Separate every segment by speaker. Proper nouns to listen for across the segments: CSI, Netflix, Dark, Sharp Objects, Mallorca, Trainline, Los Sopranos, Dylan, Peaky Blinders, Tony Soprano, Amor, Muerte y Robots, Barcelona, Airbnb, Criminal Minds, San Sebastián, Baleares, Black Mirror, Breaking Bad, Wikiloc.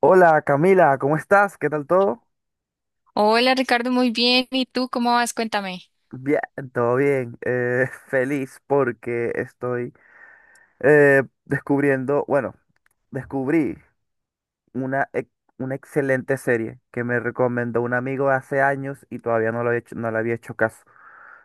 Speaker 1: Hola, Camila, ¿cómo estás? ¿Qué tal todo?
Speaker 2: Hola Ricardo, muy bien. ¿Y tú cómo vas? Cuéntame.
Speaker 1: Bien, todo bien. Feliz porque estoy descubriendo, bueno, descubrí una, una excelente serie que me recomendó un amigo hace años y todavía no lo he hecho, no le había hecho caso.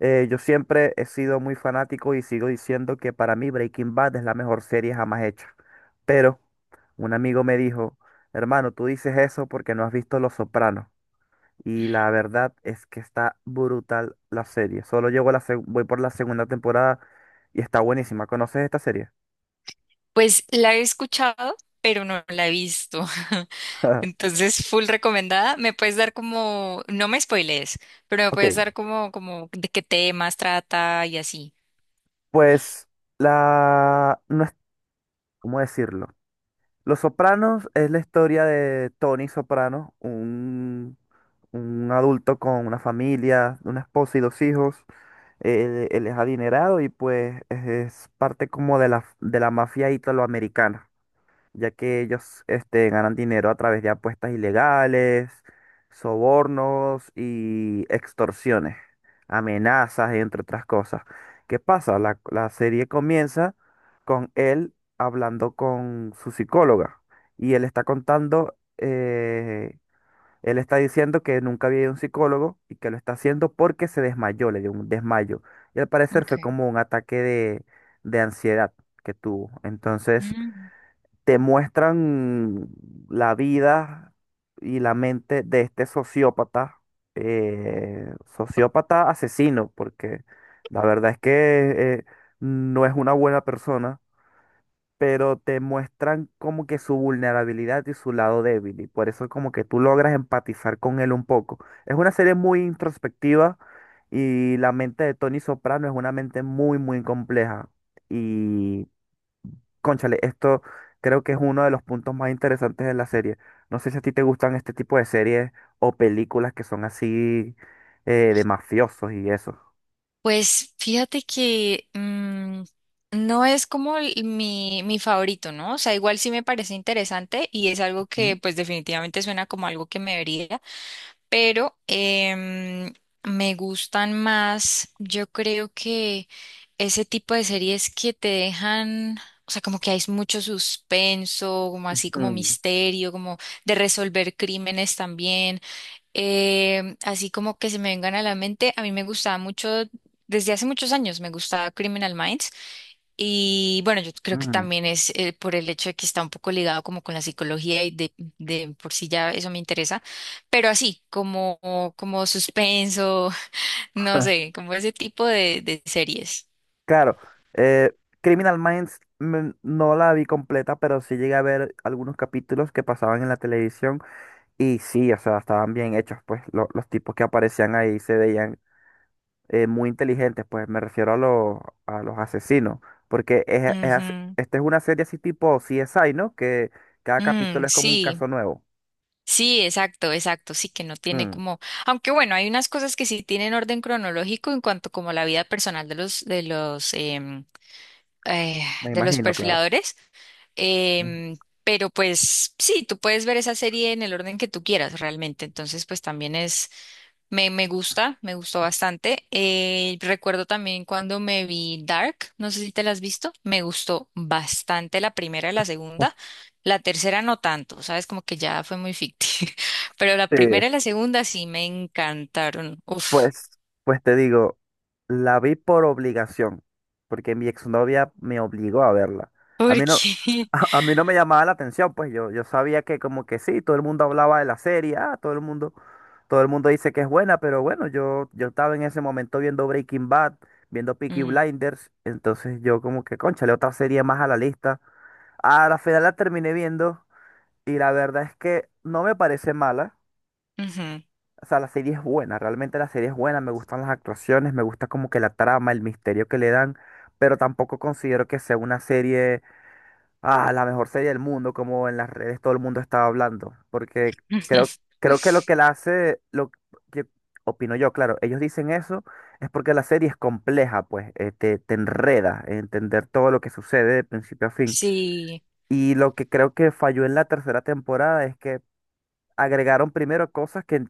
Speaker 1: Yo siempre he sido muy fanático y sigo diciendo que para mí Breaking Bad es la mejor serie jamás hecha. Pero un amigo me dijo, hermano, tú dices eso porque no has visto Los Sopranos. Y la verdad es que está brutal la serie. Solo llego a la voy por la segunda temporada y está buenísima. ¿Conoces esta serie?
Speaker 2: Pues la he escuchado, pero no la he visto. Entonces, full recomendada. Me puedes dar como, no me spoilees, pero me
Speaker 1: Ok,
Speaker 2: puedes dar como, como de qué temas trata y así.
Speaker 1: pues No es... ¿Cómo decirlo? Los Sopranos es la historia de Tony Soprano, un adulto con una familia, una esposa y dos hijos. Él es adinerado y pues es parte como de de la mafia italoamericana, ya que ellos este, ganan dinero a través de apuestas ilegales, sobornos y extorsiones, amenazas, entre otras cosas. ¿Qué pasa? La serie comienza con él hablando con su psicóloga y él está contando, él está diciendo que nunca había ido a un psicólogo y que lo está haciendo porque se desmayó, le dio un desmayo. Y al parecer fue
Speaker 2: Okay.
Speaker 1: como un ataque de ansiedad que tuvo. Entonces
Speaker 2: Mm.
Speaker 1: te muestran la vida y la mente de este sociópata, sociópata asesino, porque la verdad es que no es una buena persona, pero te muestran como que su vulnerabilidad y su lado débil, y por eso como que tú logras empatizar con él un poco. Es una serie muy introspectiva y la mente de Tony Soprano es una mente muy, muy compleja. Y cónchale, esto creo que es uno de los puntos más interesantes de la serie. No sé si a ti te gustan este tipo de series o películas que son así, de mafiosos y eso.
Speaker 2: Pues fíjate que no es como mi favorito, ¿no? O sea, igual sí me parece interesante y es algo
Speaker 1: Mm,
Speaker 2: que pues definitivamente suena como algo que me vería, pero me gustan más, yo creo que ese tipo de series que te dejan, o sea, como que hay mucho suspenso, como así como misterio, como de resolver crímenes también, así como que se me vengan a la mente, a mí me gustaba mucho, desde hace muchos años me gustaba Criminal Minds. Y bueno, yo
Speaker 1: mm,
Speaker 2: creo que
Speaker 1: mm.
Speaker 2: también es por el hecho de que está un poco ligado como con la psicología y de por sí ya eso me interesa, pero así, como, como suspenso, no sé, como ese tipo de series.
Speaker 1: Claro, eh, Criminal Minds, mm, no la vi completa, pero sí llegué a ver algunos capítulos que pasaban en la televisión y sí, o sea, estaban bien hechos, pues los tipos que aparecían ahí se veían muy inteligentes, pues me refiero a los asesinos, porque es,
Speaker 2: Ujú.
Speaker 1: esta es una serie así tipo CSI, ¿no? Que cada
Speaker 2: Mm,
Speaker 1: capítulo es como un
Speaker 2: sí,
Speaker 1: caso nuevo.
Speaker 2: sí, exacto, exacto, sí que no tiene
Speaker 1: Mm,
Speaker 2: como, aunque bueno, hay unas cosas que sí tienen orden cronológico en cuanto como a la vida personal de eh,
Speaker 1: me
Speaker 2: de los
Speaker 1: imagino, claro.
Speaker 2: perfiladores.
Speaker 1: Mm.
Speaker 2: Em, pero pues sí, tú puedes ver esa serie en el orden que tú quieras realmente. Entonces, pues también es, me gusta, me gustó bastante. Recuerdo también cuando me vi Dark, no sé si te la has visto, me gustó bastante la primera y la segunda. La tercera no tanto, sabes, como que ya fue muy ficticio. Pero la
Speaker 1: Sí.
Speaker 2: primera y la segunda sí me encantaron. Uf,
Speaker 1: Pues, pues te digo, la vi por obligación, porque mi exnovia me obligó a verla. A
Speaker 2: ¿por
Speaker 1: mí no,
Speaker 2: qué?
Speaker 1: a mí no me llamaba la atención, pues yo sabía que como que sí, todo el mundo hablaba de la serie, ah, todo el mundo dice que es buena, pero bueno, yo estaba en ese momento viendo Breaking Bad, viendo Peaky
Speaker 2: Mm,
Speaker 1: Blinders, entonces yo como que, cónchale, otra serie más a la lista. A la final la terminé viendo y la verdad es que no me parece mala.
Speaker 2: ujú.
Speaker 1: O sea, la serie es buena, realmente la serie es buena, me gustan las actuaciones, me gusta como que la trama, el misterio que le dan, pero tampoco considero que sea una serie, ah, la mejor serie del mundo, como en las redes todo el mundo estaba hablando, porque creo, creo que lo que la hace, lo que opino yo, claro, ellos dicen eso, es porque la serie es compleja, pues, te, te enreda en entender todo lo que sucede de principio a fin.
Speaker 2: Sí.
Speaker 1: Y lo que creo que falló en la tercera temporada es que agregaron primero cosas que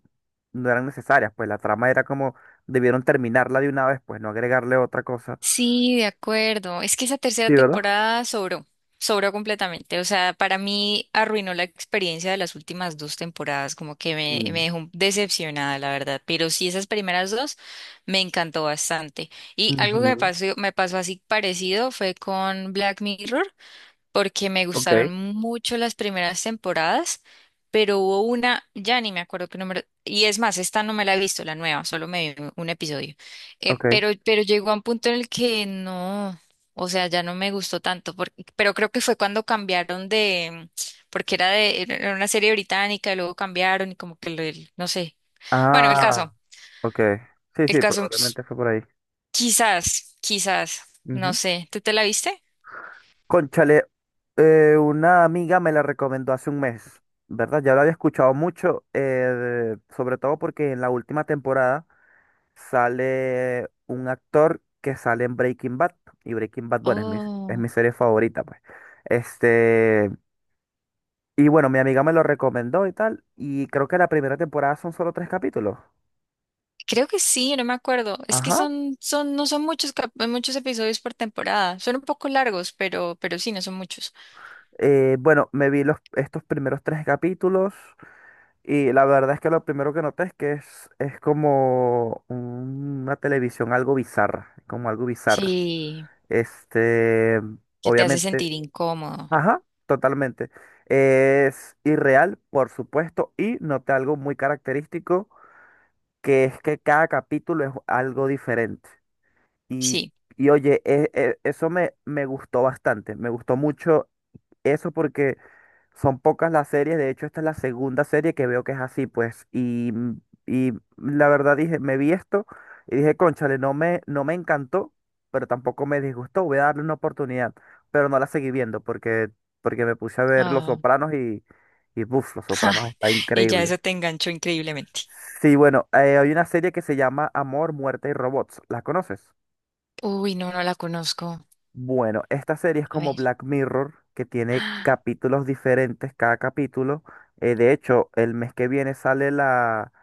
Speaker 1: no eran necesarias, pues la trama era como debieron terminarla de una vez, pues no agregarle otra cosa.
Speaker 2: Sí, de acuerdo. Es que esa tercera
Speaker 1: Sí, ¿verdad?
Speaker 2: temporada sobró, sobró completamente. O sea, para mí arruinó la experiencia de las últimas dos temporadas, como que
Speaker 1: Mm.
Speaker 2: me dejó decepcionada, la verdad. Pero sí, esas primeras dos me encantó bastante. Y algo que
Speaker 1: Ujú.
Speaker 2: me pasó así parecido fue con Black Mirror porque me
Speaker 1: Ok,
Speaker 2: gustaron mucho las primeras temporadas, pero hubo una, ya ni me acuerdo qué número, y es más, esta no me la he visto, la nueva, solo me vi un episodio. Eh,
Speaker 1: ok.
Speaker 2: pero, pero llegó a un punto en el que no, o sea, ya no me gustó tanto, porque, pero creo que fue cuando cambiaron de, porque era de, era una serie británica, y luego cambiaron y como que, no sé, bueno,
Speaker 1: Ah, ok. Sí,
Speaker 2: el
Speaker 1: sí,
Speaker 2: caso, pues,
Speaker 1: probablemente fue por ahí.
Speaker 2: quizás, quizás, no
Speaker 1: Ujú.
Speaker 2: sé, ¿tú te la viste?
Speaker 1: Cónchale, una amiga me la recomendó hace un mes, ¿verdad? Ya lo había escuchado mucho, sobre todo porque en la última temporada sale un actor que sale en Breaking Bad. Y Breaking Bad, bueno, es
Speaker 2: Oh.
Speaker 1: mi serie favorita, pues. Este, y bueno, mi amiga me lo recomendó y tal. Y creo que la primera temporada son solo tres capítulos.
Speaker 2: Creo que sí, no me acuerdo. Es que
Speaker 1: Ajá.
Speaker 2: no son muchos, muchos episodios por temporada. Son un poco largos, pero sí, no son muchos.
Speaker 1: Bueno, me vi los, estos primeros tres capítulos. Y la verdad es que lo primero que noté es que es como una televisión algo bizarra. Como algo bizarro.
Speaker 2: Sí,
Speaker 1: Este,
Speaker 2: que te hace
Speaker 1: obviamente.
Speaker 2: sentir incómodo.
Speaker 1: Ajá, totalmente. Es irreal, por supuesto, y noté algo muy característico, que es que cada capítulo es algo diferente. Y,
Speaker 2: Sí.
Speaker 1: y oye, eso me, me gustó bastante, me gustó mucho eso porque son pocas las series, de hecho esta es la segunda serie que veo que es así, pues, y la verdad dije, me vi esto y dije, cónchale, no me, no me encantó, pero tampoco me disgustó, voy a darle una oportunidad, pero no la seguí viendo porque, porque me puse a ver Los
Speaker 2: Ah,
Speaker 1: Sopranos y buf, Los Sopranos está
Speaker 2: y ya
Speaker 1: increíble.
Speaker 2: eso te enganchó increíblemente.
Speaker 1: Sí, bueno, hay una serie que se llama Amor, Muerte y Robots, ¿la conoces?
Speaker 2: Uy, no, no la conozco.
Speaker 1: Bueno, esta serie es
Speaker 2: A
Speaker 1: como
Speaker 2: ver.
Speaker 1: Black Mirror, que tiene
Speaker 2: Ah,
Speaker 1: capítulos diferentes cada capítulo. De hecho, el mes que viene sale la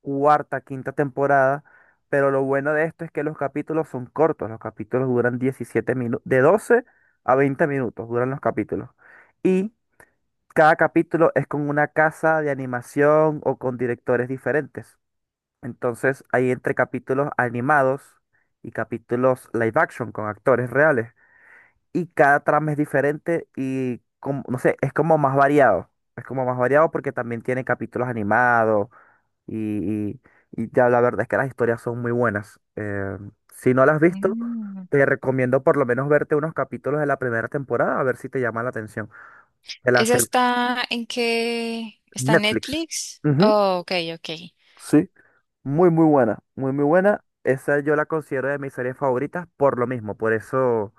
Speaker 1: cuarta, quinta temporada, pero lo bueno de esto es que los capítulos son cortos, los capítulos duran 17 minutos, de 12 a 20 minutos duran los capítulos. Y cada capítulo es con una casa de animación o con directores diferentes. Entonces, hay entre capítulos animados y capítulos live action con actores reales y cada trama es diferente y como, no sé, es como más variado. Es como más variado porque también tiene capítulos animados y, y, y ya la verdad es que las historias son muy buenas. Si no las has visto,
Speaker 2: mm.
Speaker 1: te recomiendo por lo menos verte unos capítulos de la primera temporada a ver si te llama la atención. De la
Speaker 2: ¿Esa está en qué? ¿Está en
Speaker 1: Netflix.
Speaker 2: Netflix?
Speaker 1: Ujú,
Speaker 2: Oh, ok, ok.
Speaker 1: sí, muy muy buena, muy muy buena. Esa yo la considero de mis series favoritas por lo mismo, por eso,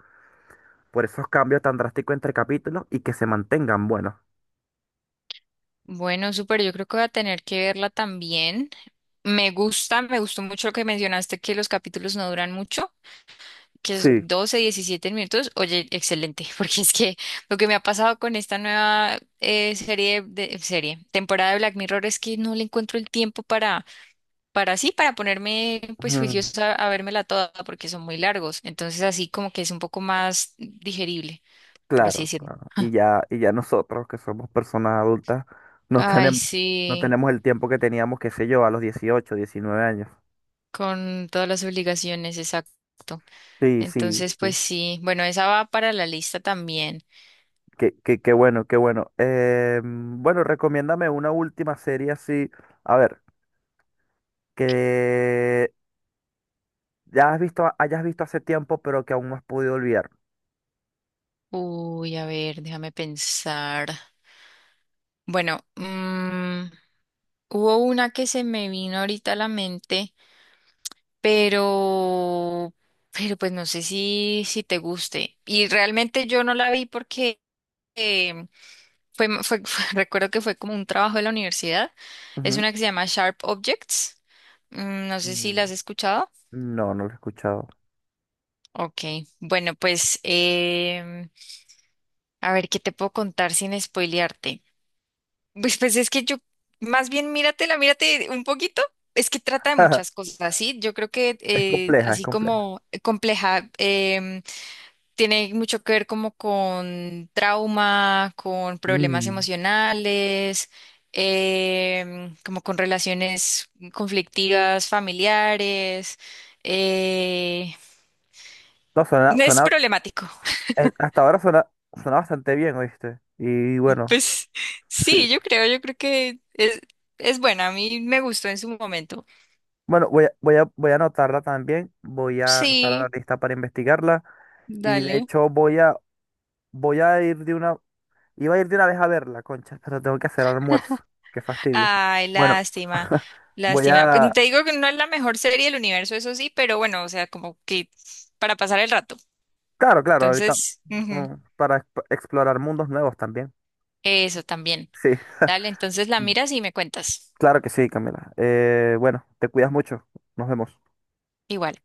Speaker 1: por esos cambios tan drásticos entre capítulos y que se mantengan buenos.
Speaker 2: Bueno, súper, yo creo que voy a tener que verla también. Me gusta, me gustó mucho lo que mencionaste, que los capítulos no duran mucho, que es
Speaker 1: Sí.
Speaker 2: 12 a 17 minutos, oye, excelente. Porque es que lo que me ha pasado con esta nueva serie, serie, temporada de Black Mirror es que no le encuentro el tiempo para sí, para ponerme pues
Speaker 1: Ujú.
Speaker 2: juiciosa a vérmela toda, porque son muy largos, entonces así como que es un poco más digerible, por así
Speaker 1: Claro,
Speaker 2: decirlo.
Speaker 1: claro. Y ya nosotros, que somos personas adultas, no
Speaker 2: Ay,
Speaker 1: tenemos, no
Speaker 2: sí,
Speaker 1: tenemos el tiempo que teníamos, qué sé yo, a los 18 19 años.
Speaker 2: con todas las obligaciones, exacto.
Speaker 1: Sí, sí,
Speaker 2: Entonces,
Speaker 1: sí.
Speaker 2: pues sí, bueno, esa va para la lista también.
Speaker 1: Qué, qué, qué bueno, qué bueno. Bueno, recomiéndame una última serie así. A ver, que ya has visto, hayas visto hace tiempo, pero que aún no has podido olvidar.
Speaker 2: Uy, a ver, déjame pensar. Bueno, hubo una que se me vino ahorita a la mente, pero, pero pues no sé si, si te guste. Y realmente yo no la vi porque eh, recuerdo que fue como un trabajo de la universidad. Es
Speaker 1: Ujú.
Speaker 2: una que se llama Sharp Objects. Mm, no sé si
Speaker 1: Mm,
Speaker 2: la has escuchado.
Speaker 1: no, no lo he escuchado.
Speaker 2: Ok, bueno, pues a ver qué te puedo contar sin spoilearte. Pues es que yo, más bien míratela, mírate un poquito. Es que trata de muchas cosas, ¿sí? Yo creo que
Speaker 1: Es compleja, es
Speaker 2: así
Speaker 1: compleja.
Speaker 2: como compleja. Tiene mucho que ver como con trauma, con problemas
Speaker 1: Mm.
Speaker 2: emocionales, como con relaciones conflictivas, familiares. eh,
Speaker 1: No, suena,
Speaker 2: es
Speaker 1: suena,
Speaker 2: problemático.
Speaker 1: hasta ahora suena, suena bastante bien, ¿oíste? Y bueno,
Speaker 2: Pues
Speaker 1: sí.
Speaker 2: sí, yo creo que es buena. A mí me gustó en su momento.
Speaker 1: Bueno, voy a, voy a, voy a anotarla también, voy a anotar la
Speaker 2: Sí.
Speaker 1: lista para investigarla y de
Speaker 2: Dale.
Speaker 1: hecho voy a, voy a ir de una, iba a ir de una vez a verla, concha, pero tengo que hacer almuerzo, qué fastidio.
Speaker 2: Ay,
Speaker 1: Bueno,
Speaker 2: lástima,
Speaker 1: voy
Speaker 2: lástima. Pues,
Speaker 1: a,
Speaker 2: te digo que no es la mejor serie del universo, eso sí, pero bueno, o sea, como que para pasar el rato.
Speaker 1: claro, claro, ahorita,
Speaker 2: Entonces, ujú.
Speaker 1: mm, para explorar mundos nuevos también.
Speaker 2: Eso también.
Speaker 1: Sí,
Speaker 2: Dale, entonces la miras y me cuentas.
Speaker 1: claro que sí, Camila. Bueno, te cuidas mucho, nos vemos.
Speaker 2: Igual.